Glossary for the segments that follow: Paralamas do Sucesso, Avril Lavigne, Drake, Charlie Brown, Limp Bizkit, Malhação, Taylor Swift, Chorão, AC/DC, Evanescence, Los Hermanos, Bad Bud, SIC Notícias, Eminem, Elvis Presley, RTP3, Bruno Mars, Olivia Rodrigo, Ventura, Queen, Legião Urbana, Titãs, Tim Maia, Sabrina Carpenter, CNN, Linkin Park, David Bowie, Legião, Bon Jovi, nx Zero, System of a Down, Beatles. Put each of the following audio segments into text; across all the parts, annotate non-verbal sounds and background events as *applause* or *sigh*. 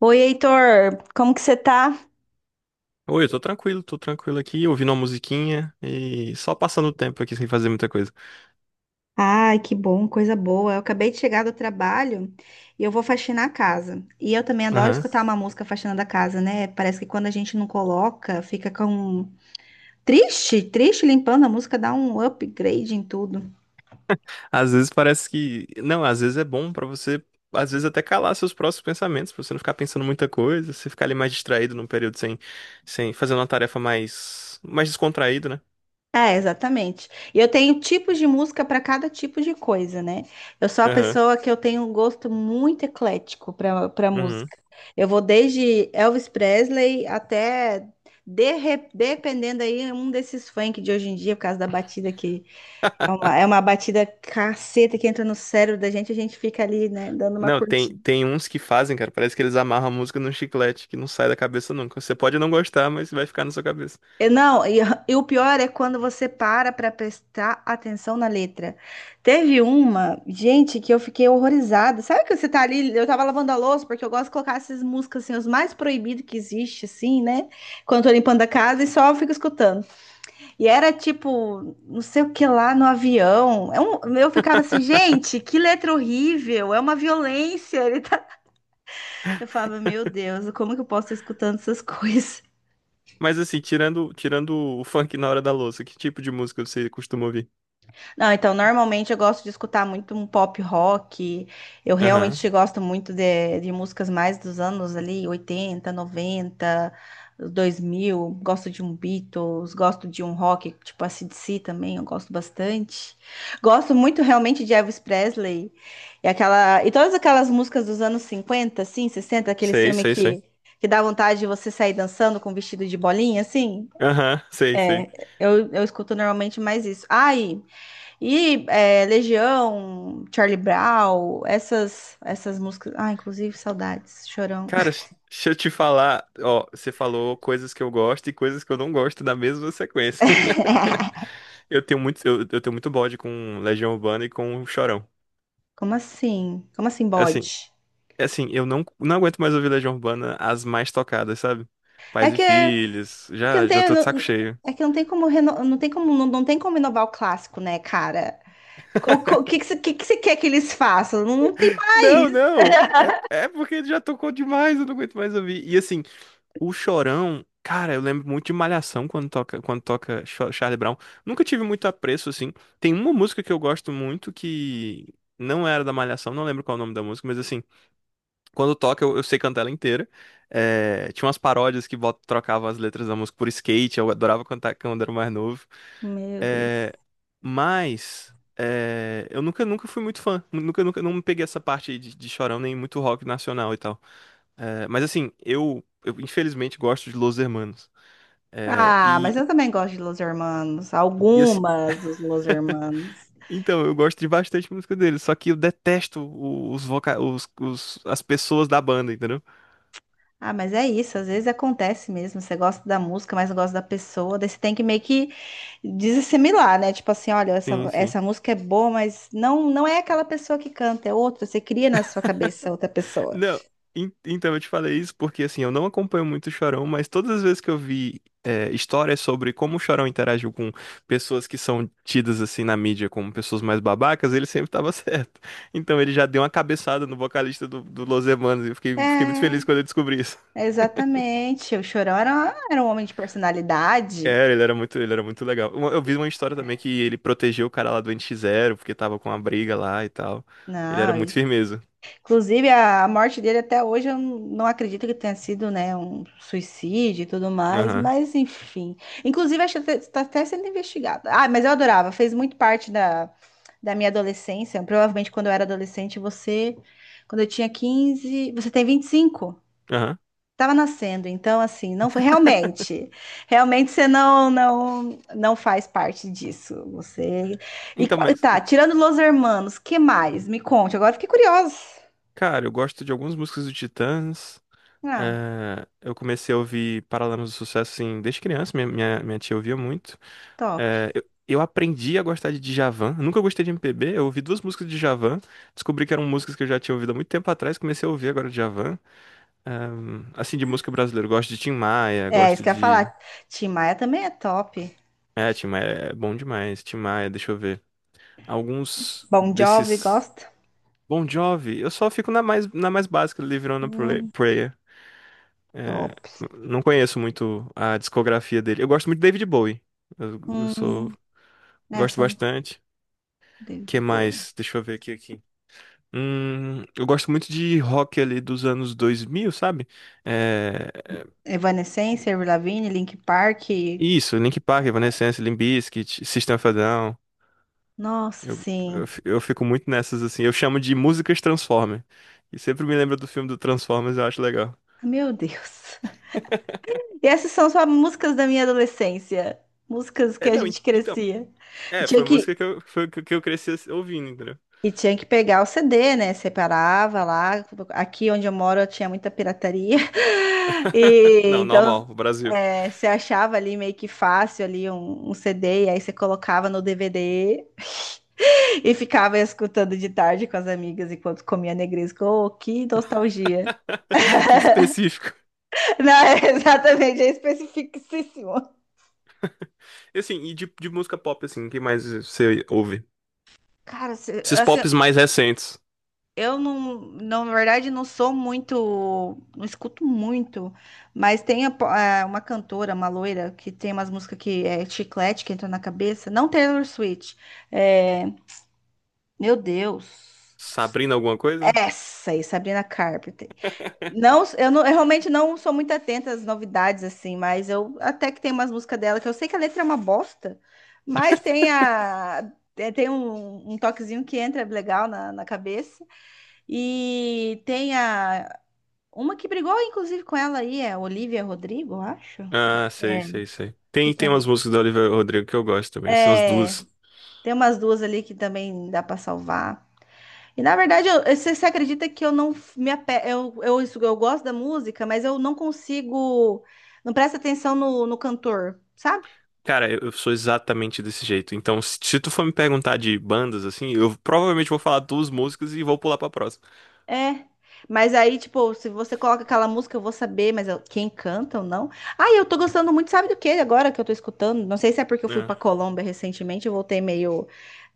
Oi, Heitor, como que você tá? Oi, eu tô tranquilo aqui, ouvindo uma musiquinha e só passando o tempo aqui sem fazer muita coisa. Ai, que bom, coisa boa. Eu acabei de chegar do trabalho e eu vou faxinar a casa. E eu também adoro Aham. escutar uma música faxinando a casa, né? Parece que quando a gente não coloca, fica com triste, limpando a música, dá um upgrade em tudo. Às vezes parece que. Não, às vezes é bom pra você, às vezes até calar seus próprios pensamentos, pra você não ficar pensando muita coisa, você ficar ali mais distraído num período sem fazer uma tarefa mais descontraído, né? É, exatamente. E eu tenho tipos de música para cada tipo de coisa, né? Eu sou a Aham. pessoa que eu tenho um gosto muito eclético para Uhum. música. Eu vou desde Elvis Presley até dependendo aí um desses funk de hoje em dia, por causa da batida que é uma batida caceta que entra no cérebro da gente, a gente fica ali, né, dando uma Não, curtida. tem uns que fazem, cara, parece que eles amarram a música num chiclete que não sai da cabeça nunca. Você pode não gostar, mas vai ficar na sua cabeça. É, não, e o pior é quando você para prestar atenção na letra. Teve uma, gente, que eu fiquei horrorizada. Sabe que você tá ali, eu tava lavando a louça, porque eu gosto de colocar essas músicas assim, os mais proibidos que existe, assim, né? Quando eu tô limpando a casa e só fico escutando. E era tipo, não sei o que lá no avião. Eu ficava assim, gente, que letra horrível, é uma violência. *laughs* Ele tá... Eu falava, meu Deus, como que eu posso estar escutando essas coisas? Mas assim, tirando o funk na hora da louça, que tipo de música você costuma ouvir? Não, então normalmente eu gosto de escutar muito um pop rock. Eu Aham. realmente gosto muito de músicas mais dos anos ali, 80, 90, 2000. Gosto de um Beatles, gosto de um rock, tipo a AC/DC também, eu gosto bastante. Gosto muito realmente de Elvis Presley e todas aquelas músicas dos anos 50, assim, 60. Aquele Sei, filme sei, sei. que dá vontade de você sair dançando com um vestido de bolinha, assim. Aham, sei, sei. É, eu escuto normalmente mais isso. Ai, e é, Legião, Charlie Brown, essas músicas. Ah, inclusive, saudades, Chorão. Cara, deixa eu te falar, ó, você falou coisas que eu gosto e coisas que eu não gosto da mesma sequência. *laughs* *laughs* Eu tenho muito bode com Legião Urbana e com o Chorão. Como assim? Como assim, Assim, bode? é assim, eu não aguento mais ouvir Legião Urbana as mais tocadas, sabe? Pais e É Filhos, que não já tem. tô de saco cheio. É que não tem como não tem como não tem como inovar o clássico, né, cara? O que que você quer que eles façam? Não tem Não, mais. não, é porque já tocou demais, eu não aguento mais ouvir. E assim, o Chorão, cara, eu lembro muito de Malhação quando toca, quando toca Charlie Brown. Nunca tive muito apreço, assim. Tem uma música que eu gosto muito que não era da Malhação, não lembro qual é o nome da música, mas assim, quando toca eu sei cantar ela inteira. É, tinha umas paródias que trocavam as letras da música por skate, eu adorava cantar quando era mais novo. Meu Eh, Deus. mas é, eu nunca fui muito fã. Nunca não me peguei essa parte de chorão, nem muito rock nacional e tal. É, mas assim, eu infelizmente gosto de Los Hermanos. É, Ah, mas e, eu também gosto de Los Hermanos, e assim, algumas dos Los Hermanos. então, eu gosto de bastante música deles, só que eu detesto os, voca os- as pessoas da banda, entendeu? Ah, mas é isso, às vezes acontece mesmo. Você gosta da música, mas não gosta da pessoa, daí você tem que meio que desassimilar, né? Tipo assim, olha, Sim, sim. essa música é boa, mas não é aquela pessoa que canta, é outra. Você cria na sua cabeça outra pessoa. Não, então eu te falei isso porque assim, eu não acompanho muito o Chorão, mas todas as vezes que eu vi é, histórias sobre como o Chorão interagiu com pessoas que são tidas assim na mídia como pessoas mais babacas, ele sempre tava *laughs* certo. Então ele já deu uma cabeçada no vocalista do Los Hermanos e eu fiquei muito É, feliz quando eu descobri isso. exatamente. O Chorão era um homem de personalidade. É, ele era muito legal. Eu vi uma história também que ele protegeu o cara lá do nx Zero porque tava com uma briga lá e tal. Ele era Não, muito firmeza. inclusive, a morte dele até hoje eu não acredito que tenha sido, né, um suicídio e tudo mais, Aham, mas enfim. Inclusive, acho que está até sendo investigado. Ah, mas eu adorava, fez muito parte da minha adolescência. Provavelmente quando eu era adolescente, você, quando eu tinha 15, você tem 25? aham. Tava nascendo, então assim, não foi realmente. Realmente você não faz parte disso. Você Então, mas, tirando Los Hermanos, que mais? Me conte, agora eu fiquei curiosa. cara, eu gosto de algumas músicas do Titãs. Ah. É, eu comecei a ouvir Paralamas do Sucesso, assim, desde criança, minha tia ouvia muito. Top. É, eu aprendi a gostar de Djavan, eu nunca gostei de MPB, eu ouvi duas músicas de Djavan, descobri que eram músicas que eu já tinha ouvido há muito tempo atrás, comecei a ouvir agora Djavan. É, assim, de música brasileira, eu gosto de Tim Maia, É, isso gosto que eu ia de... falar. Tim Maia também é top. É, Tim Maia é bom demais, Tim Maia, deixa eu ver. Alguns Bon Jovi, desses... gosta? Bon Jovi, eu só fico na mais básica, Live On A Hum, Prayer. É, top. não conheço muito a discografia dele. Eu gosto muito de David Bowie. Eu, eu Hum, sou, é, gosto só bastante. Que David Bowie. mais? Deixa eu ver aqui. Eu gosto muito de rock ali dos anos 2000, sabe? É, Evanescence, Avril Lavigne, Linkin Park. isso, Linkin Park, Evanescence, Limp Bizkit, System of a Down. Nossa, Eu, sim. eu, fi- eu fico muito nessas assim. Eu chamo de músicas Transformer. E sempre me lembra do filme do Transformers, eu acho legal. Meu Deus. *laughs* E essas são só músicas da minha adolescência. Músicas que É, a não, gente então, crescia. E é, tinha foi que, música que eu, foi, que eu cresci ouvindo, entendeu? e tinha que pegar o CD, né? Separava lá. Aqui onde eu moro eu tinha muita pirataria. *laughs* *laughs* E Não, então normal, o Brasil. é, você achava ali meio que fácil ali um CD, e aí você colocava no DVD *laughs* e ficava escutando de tarde com as amigas enquanto comia negresco. Oh, que nostalgia. *laughs* Que específico. *laughs* Não, é exatamente, é especificíssimo. E assim, e de música pop, assim, o que mais você ouve? Cara, Esses assim, pops mais recentes. eu não, não, na verdade, não sou muito, não escuto muito, mas é, uma cantora, uma loira, que tem umas músicas que é chiclete que entra na cabeça. Não Taylor Swift. É, meu Deus. Sabrina alguma coisa? Essa aí, Sabrina Carpenter. Não, eu realmente não sou muito atenta às novidades, assim, mas eu até que tem umas músicas dela, que eu sei que a letra é uma bosta, mas tem a. Tem um toquezinho que entra legal na cabeça. E tem a. Uma que brigou, inclusive, com ela aí, é Olivia Rodrigo, eu acho. Ah, sei, É. sei, sei. Que Tem tam- umas músicas do Olivia Rodrigo que eu gosto também, assim, umas é, duas. tem umas duas ali que também dá para salvar. E na verdade, você acredita que eu não f- me ape... eu, eu gosto da música, mas eu não consigo, não presta atenção no cantor, sabe? Cara, eu sou exatamente desse jeito. Então, se tu for me perguntar de bandas, assim, eu provavelmente vou falar duas músicas e vou pular pra próxima. É. Mas aí, tipo, se você coloca aquela música, eu vou saber, quem canta ou não. Ah, e eu tô gostando muito, sabe do que agora que eu tô escutando? Não sei se é porque eu fui pra É. Colômbia recentemente, eu voltei meio,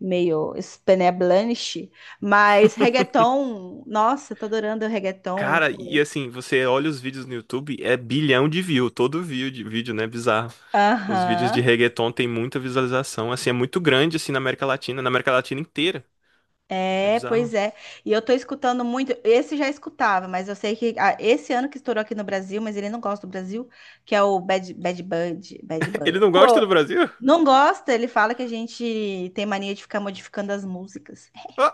meio Spanish, mas reggaeton, nossa, eu tô adorando o reggaeton, Cara, e tipo, assim, você olha os vídeos no YouTube, é bilhão de view, todo view de vídeo, né? Bizarro. Os vídeos de aham. reggaeton tem muita visualização, assim, é muito grande, assim, na América Latina inteira. É É, bizarro. pois é. E eu tô escutando muito. Esse já escutava, mas eu sei que ah, esse ano que estourou aqui no Brasil, mas ele não gosta do Brasil, que é o Bad *laughs* Ele Bud. não gosta do Co- Brasil? Não gosta, ele fala que a gente tem mania de ficar modificando as músicas. Ó,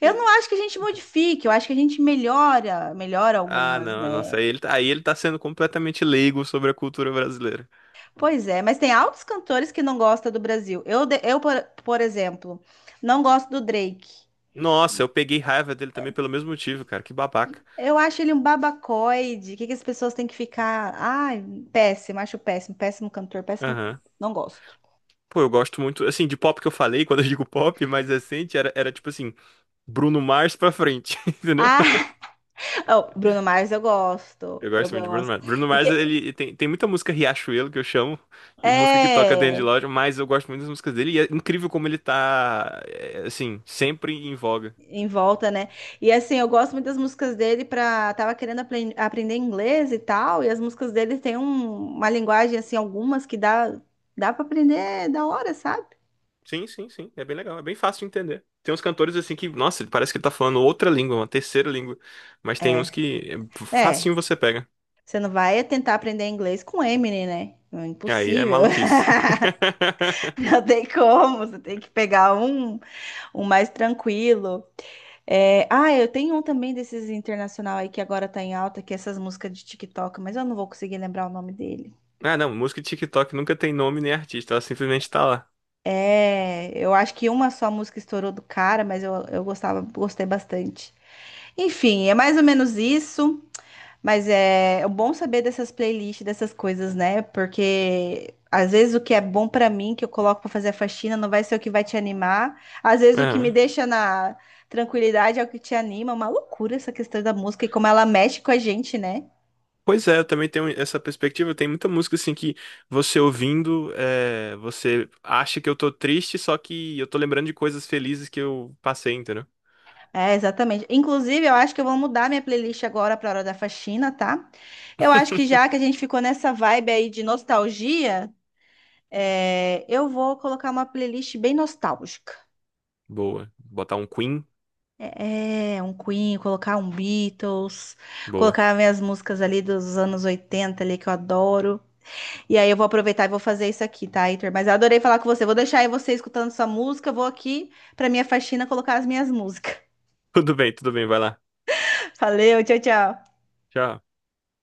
Eu não e- acho que a gente modifique, eu acho que a gente melhora, melhora ah, algumas, não, nossa, né? aí ele tá sendo completamente leigo sobre a cultura brasileira. Pois é, mas tem altos cantores que não gostam do Brasil. Eu, por exemplo, não gosto do Drake. Nossa, eu peguei raiva dele também pelo mesmo motivo, cara, que babaca. Eu acho ele um babacoide. Que as pessoas têm que ficar? Ai, péssimo, acho péssimo, péssimo cantor, péssimo tudo. Aham. Não gosto. Pô, eu gosto muito, assim, de pop que eu falei, quando eu digo pop, mais recente, era tipo assim, Bruno Mars pra frente, *laughs* entendeu? Ah, *laughs* oh, Bruno Mars eu gosto, Eu eu gosto muito de Bruno gosto. Mars. Bruno E Mars, que ele tem muita música Riachuelo que eu chamo, e música que toca dentro de é loja, mas eu gosto muito das músicas dele e é incrível como ele tá, é, assim, sempre em voga. em volta, né? E assim, eu gosto muito das músicas dele pra. Tava querendo aprender inglês e tal, e as músicas dele tem uma linguagem assim, algumas que dá para aprender da hora, sabe? Sim, sim, sim, é bem legal, é bem fácil de entender. Tem uns cantores assim que, nossa, parece que ele tá falando outra língua, uma terceira língua, mas tem uns É. que é É. facinho você pega. Você não vai tentar aprender inglês com Eminem, né? É Aí é impossível. maluquice. *laughs* *laughs* *laughs* Não tem como, você tem que pegar um mais tranquilo. É, ah, eu tenho um também desses internacional aí que agora tá em alta, que é essas músicas de TikTok, mas eu não vou conseguir lembrar o nome dele. Ah, não, música de TikTok nunca tem nome nem artista, ela simplesmente tá É, eu acho que uma só música estourou do cara, mas eu gostava, gostei bastante. Enfim, é mais ou menos isso. Mas é, é bom saber dessas playlists, dessas coisas, né? Porque às vezes o que é bom pra mim, que eu coloco pra fazer a faxina, não vai ser o que vai te animar. Às vezes o que me lá. deixa na tranquilidade é o que te anima. É uma loucura essa questão da música e como ela mexe com a gente, né? Pois é, eu também tenho essa perspectiva. Tem muita música assim que você ouvindo, é, você acha que eu tô triste, só que eu tô lembrando de coisas felizes que eu passei, entendeu? É, exatamente. Inclusive, eu acho que eu vou mudar minha playlist agora pra hora da faxina, tá? Eu acho que já que a gente ficou nessa vibe aí de nostalgia, é, eu vou colocar uma playlist bem nostálgica. Boa. Botar um Queen? É, é, um Queen, colocar um Beatles, Boa. colocar minhas músicas ali dos anos 80 ali que eu adoro. E aí eu vou aproveitar e vou fazer isso aqui, tá, Heitor? Mas eu adorei falar com você. Vou deixar aí você escutando sua música, vou aqui pra minha faxina colocar as minhas músicas. *laughs* Tudo bem, vai lá. *laughs* Valeu, tchau, tchau. Tchau.